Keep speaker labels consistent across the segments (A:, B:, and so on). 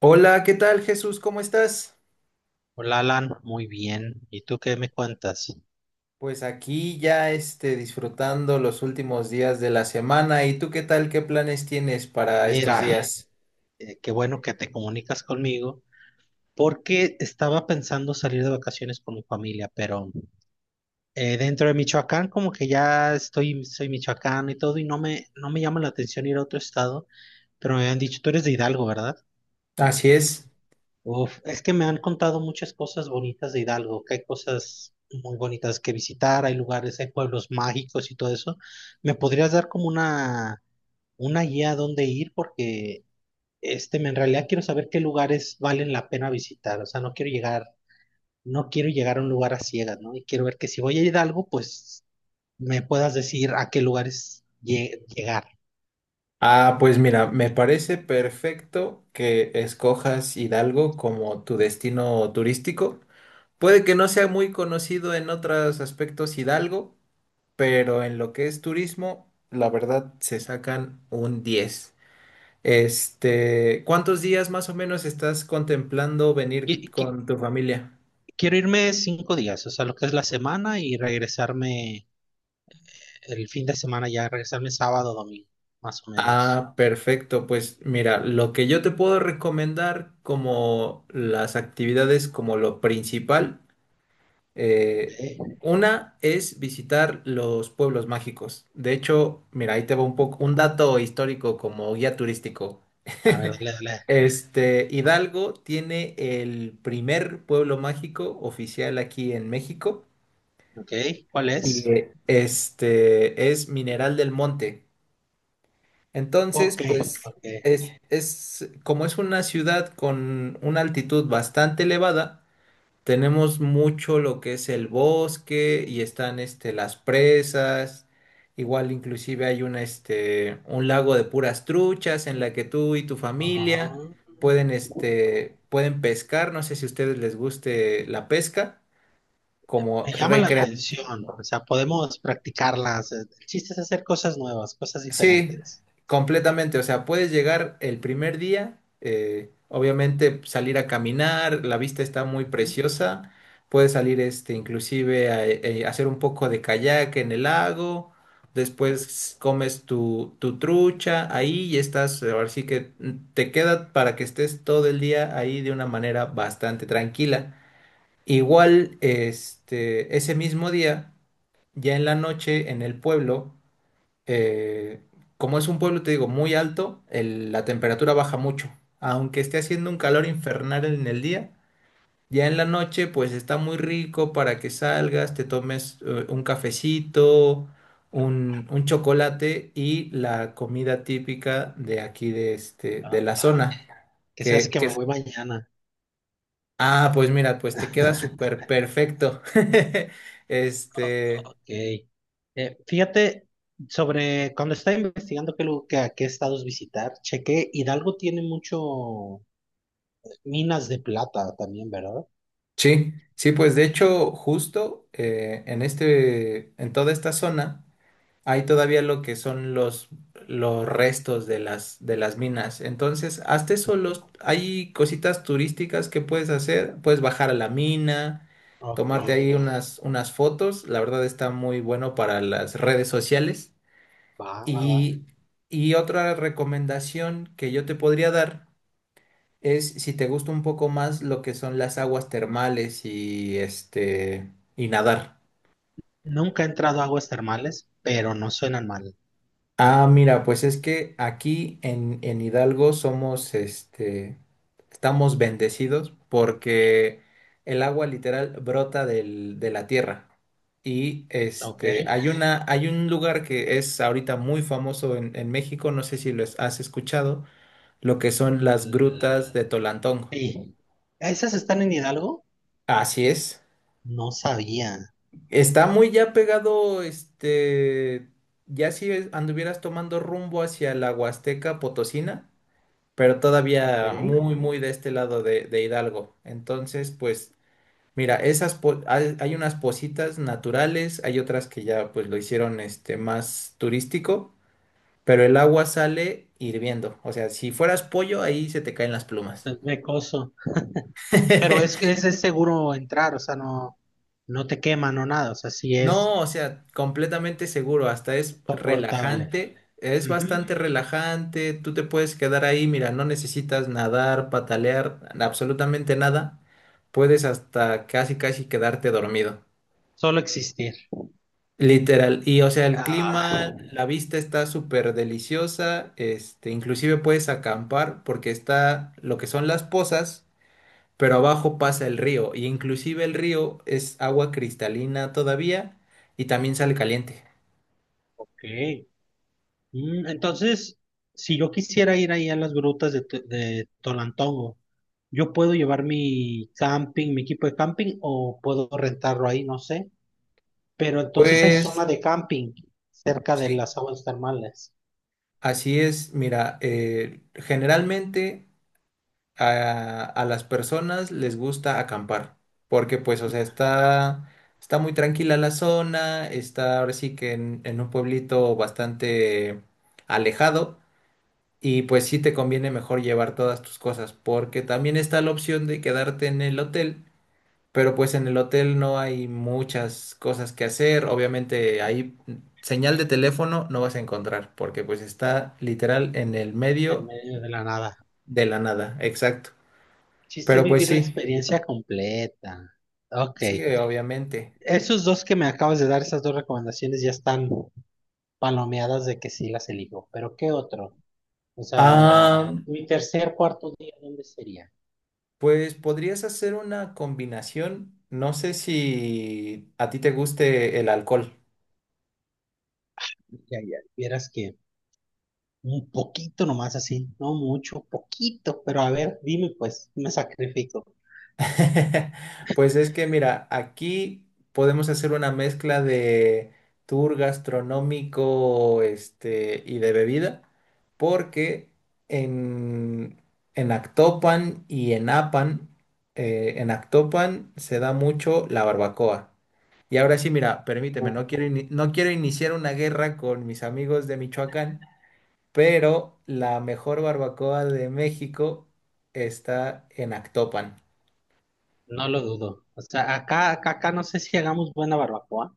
A: Hola, ¿qué tal Jesús? ¿Cómo estás?
B: Hola Alan, muy bien. ¿Y tú qué me cuentas?
A: Pues aquí disfrutando los últimos días de la semana. ¿Y tú qué tal? ¿Qué planes tienes para estos
B: Mira,
A: días?
B: qué bueno que te comunicas conmigo porque estaba pensando salir de vacaciones con mi familia, pero dentro de Michoacán como que ya estoy, soy michoacano y todo y no me llama la atención ir a otro estado, pero me habían dicho, tú eres de Hidalgo, ¿verdad?
A: Así es.
B: Uf, es que me han contado muchas cosas bonitas de Hidalgo, que hay cosas muy bonitas que visitar, hay lugares, hay pueblos mágicos y todo eso. ¿Me podrías dar como una guía a dónde ir porque en realidad quiero saber qué lugares valen la pena visitar? O sea, no quiero llegar a un lugar a ciegas, ¿no? Y quiero ver que si voy a Hidalgo, pues me puedas decir a qué lugares llegar.
A: Ah, pues mira, me parece perfecto que escojas Hidalgo como tu destino turístico. Puede que no sea muy conocido en otros aspectos Hidalgo, pero en lo que es turismo, la verdad se sacan un 10. ¿Cuántos días más o menos estás contemplando
B: Y,
A: venir
B: y qui-
A: con tu familia?
B: Quiero irme 5 días, o sea, lo que es la semana y regresarme el fin de semana ya, regresarme sábado, domingo, más o menos.
A: Ah, perfecto. Pues mira, lo que yo te puedo recomendar como las actividades, como lo principal, eh,
B: Eh,
A: una es visitar los pueblos mágicos. De hecho, mira, ahí te va un poco un dato histórico como guía turístico.
B: A ver, dale, dale.
A: Hidalgo tiene el primer pueblo mágico oficial aquí en México.
B: Ok, ¿cuál
A: Y
B: es?
A: este es Mineral del Monte. Entonces,
B: Ok,
A: pues
B: ok.
A: es como es una ciudad con una altitud bastante elevada, tenemos mucho lo que es el bosque y están las presas. Igual inclusive hay una un lago de puras truchas en la que tú y tu familia
B: Ah.
A: pueden pueden pescar, no sé si a ustedes les guste la pesca como
B: Me llama la atención, ¿no? O sea, podemos practicarlas. El chiste es hacer cosas nuevas, cosas
A: Sí,
B: diferentes.
A: completamente. O sea, puedes llegar el primer día, obviamente salir a caminar, la vista está muy
B: Ujú.
A: preciosa. Puedes salir, inclusive a, hacer un poco de kayak en el lago. Después comes tu trucha ahí y estás, ahora sí que te queda para que estés todo el día ahí de una manera bastante tranquila. Igual, ese mismo día, ya en la noche en el pueblo, eh, como es un pueblo, te digo, muy alto, la temperatura baja mucho. Aunque esté haciendo un calor infernal en el día, ya en la noche pues está muy rico para que salgas, te tomes un cafecito, un chocolate y la comida típica de aquí de, de la zona.
B: Que
A: Que,
B: sabes que me
A: que,
B: voy mañana.
A: ah, pues mira, pues te queda súper perfecto. Este...
B: Ok. Fíjate, sobre cuando estaba investigando qué, a qué estados visitar, chequé, Hidalgo tiene mucho minas de plata también, ¿verdad?
A: Sí, sí, pues de hecho, justo en toda esta zona hay todavía lo que son los restos de de las minas. Entonces, hasta eso
B: Ujú.
A: los, hay cositas turísticas que puedes hacer. Puedes bajar a la mina,
B: Ok,
A: tomarte ahí unas fotos. La verdad está muy bueno para las redes sociales.
B: va, va, va.
A: Y, y otra recomendación que yo te podría dar. Es si te gusta un poco más lo que son las aguas termales y y nadar.
B: Nunca he entrado a aguas termales, pero no suenan mal.
A: Ah, mira, pues es que aquí en Hidalgo somos estamos bendecidos porque el agua literal brota de la tierra. Y
B: Ok.
A: hay una, hay un lugar que es ahorita muy famoso en México, no sé si lo has escuchado, lo que son las
B: Mm,
A: grutas de Tolantongo.
B: sí. ¿Esas están en Hidalgo?
A: Así es.
B: No sabía.
A: Está muy ya pegado, ya si es- anduvieras tomando rumbo hacia la Huasteca Potosina, pero
B: Ok,
A: todavía muy, muy de este lado de Hidalgo. Entonces, pues, mira, hay, hay unas positas naturales, hay otras que ya pues lo hicieron más turístico, pero el agua sale hirviendo. O sea, si fueras pollo, ahí se te caen las plumas.
B: entonces de coso. Pero es seguro entrar, o sea, no te quema, no nada, o sea, sí es
A: No, o sea, completamente seguro, hasta es
B: soportable.
A: relajante, es
B: Ujú.
A: bastante relajante, tú te puedes quedar ahí, mira, no necesitas nadar, patalear, absolutamente nada, puedes hasta casi casi quedarte dormido,
B: Solo existir.
A: literal, y o sea, el
B: Ah,
A: clima, la vista está súper deliciosa, inclusive puedes acampar porque está lo que son las pozas, pero abajo pasa el río, y inclusive el río es agua cristalina todavía y también sale caliente.
B: ok. Mm, entonces, si yo quisiera ir ahí a las grutas de Tolantongo, ¿yo puedo llevar mi camping, mi equipo de camping, o puedo rentarlo ahí? No sé. Pero entonces hay zona
A: Pues
B: de camping cerca de
A: sí,
B: las aguas termales.
A: así es. Mira, generalmente a las personas les gusta acampar, porque pues, o
B: Ujú.
A: sea, está muy tranquila la zona, está ahora sí que en un pueblito bastante alejado y pues sí te conviene mejor llevar todas tus cosas, porque también está la opción de quedarte en el hotel, pero pues en el hotel no hay muchas cosas que hacer. Obviamente ahí señal de teléfono no vas a encontrar, porque pues está literal en el
B: En
A: medio
B: medio de la nada.
A: de la nada, exacto.
B: Chiste es
A: Pero pues
B: vivir la
A: sí,
B: experiencia completa. Ok.
A: sí, obviamente.
B: Esos dos que me acabas de dar, esas dos recomendaciones ya están palomeadas de que sí las elijo. Pero ¿qué otro? O sea,
A: Ah,
B: mi tercer, cuarto día, ¿dónde sería?
A: pues podrías hacer una combinación. No sé si a ti te guste el alcohol.
B: Ya, ya, vieras que un poquito nomás así, no mucho, poquito, pero a ver, dime pues, me sacrifico.
A: Pues es que mira, aquí podemos hacer una mezcla de tour gastronómico, y de bebida, porque en, en Actopan y en Apan, en Actopan se da mucho la barbacoa. Y ahora sí, mira, permíteme,
B: No,
A: no quiero iniciar una guerra con mis amigos de Michoacán, pero la mejor barbacoa de México está en Actopan.
B: no lo dudo. O sea, acá, acá, acá no sé si hagamos buena barbacoa,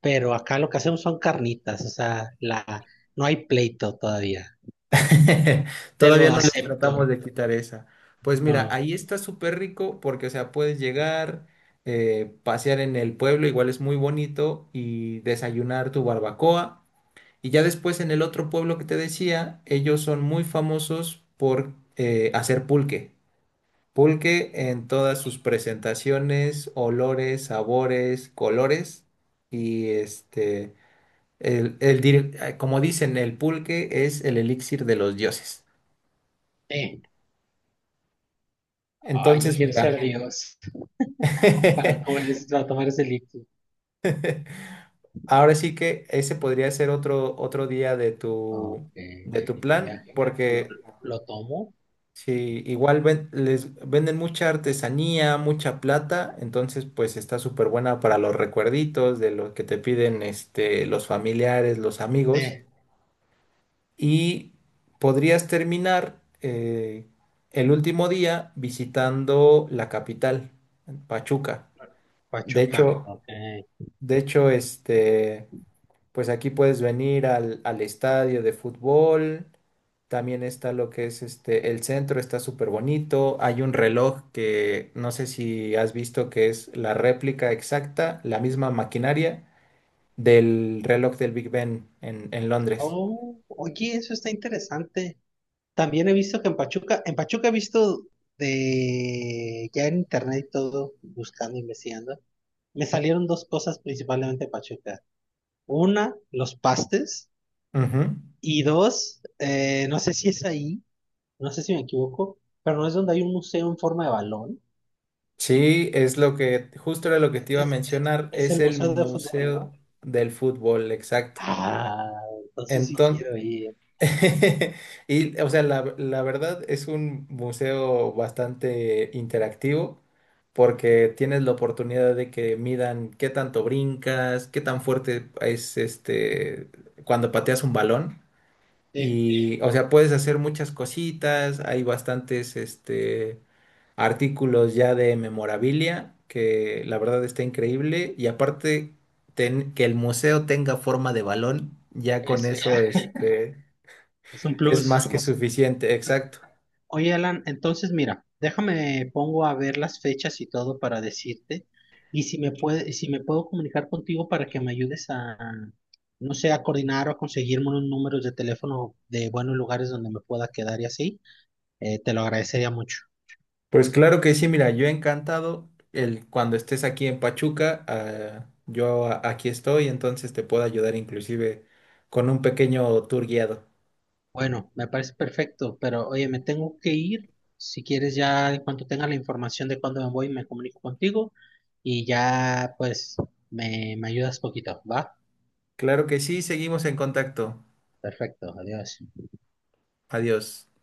B: pero acá lo que hacemos son carnitas, o sea, la, no hay pleito todavía. Te lo
A: Todavía no les tratamos
B: acepto.
A: de quitar esa. Pues mira,
B: No.
A: ahí está súper rico porque, o sea, puedes llegar, pasear en el pueblo, igual es muy bonito, y desayunar tu barbacoa. Y ya después en el otro pueblo que te decía, ellos son muy famosos por hacer pulque. Pulque en todas sus presentaciones, olores, sabores, colores. Y como dicen, el pulque es el elixir de los dioses.
B: Eh, Ay, yo
A: Entonces,
B: quiero
A: mira,
B: ser Dios para para tomar ese líquido.
A: ahora sí que ese podría ser otro día de
B: Ok,
A: de tu
B: de mi
A: plan,
B: viaje.
A: porque
B: Lo tomo.
A: si igual les venden mucha artesanía, mucha plata, entonces pues está súper buena para los recuerditos de lo que te piden los familiares, los amigos,
B: Eh,
A: y podrías terminar el último día visitando la capital, Pachuca. De
B: Pachuca.
A: hecho,
B: Ok.
A: de hecho, este... Pues aquí puedes venir al estadio de fútbol. También está lo que es el centro está súper bonito. Hay un reloj que no sé si has visto que es la réplica exacta, la misma maquinaria del reloj del Big Ben en Londres.
B: Oh, oye, eso está interesante. También he visto que en Pachuca he visto de ya en internet y todo, buscando, investigando. Me salieron dos cosas principalmente de Pachuca. Una, los pastes.
A: Ujú.
B: Y dos, no sé si es ahí. No sé si me equivoco, pero no es donde hay un museo en forma de balón.
A: Sí, es lo que, justo era lo que te iba a
B: Es,
A: mencionar,
B: es
A: es
B: el
A: el
B: museo de fútbol,
A: Museo
B: ¿no?
A: del Fútbol, exacto.
B: Ah, entonces sí
A: Enton
B: quiero ir.
A: Y, o sea, la verdad es un museo bastante interactivo porque tienes la oportunidad de que midan qué tanto brincas, qué tan fuerte es cuando pateas un balón.
B: Sí,
A: Y, o sea, puedes hacer muchas cositas. Hay bastantes artículos ya de memorabilia que la verdad está increíble. Y aparte, que el museo tenga forma de balón, ya con
B: eso
A: eso,
B: ya.
A: este.
B: Es un
A: Es
B: plus.
A: más que suficiente, exacto.
B: Oye, Alan, entonces mira, déjame pongo a ver las fechas y todo para decirte. Y si si me puedo comunicar contigo para que me ayudes a, no sé, a coordinar o a conseguirme unos números de teléfono de buenos lugares donde me pueda quedar y así, te lo agradecería mucho.
A: Pues claro que sí, mira, yo encantado el cuando estés aquí en Pachuca, ah, aquí estoy, entonces te puedo ayudar inclusive con un pequeño tour guiado.
B: Bueno, me parece perfecto, pero oye, me tengo que ir. Si quieres, ya en cuanto tenga la información de cuándo me voy, me comunico contigo y ya pues me ayudas poquito, ¿va?
A: Claro que sí, seguimos en contacto.
B: Perfecto, adiós.
A: Adiós.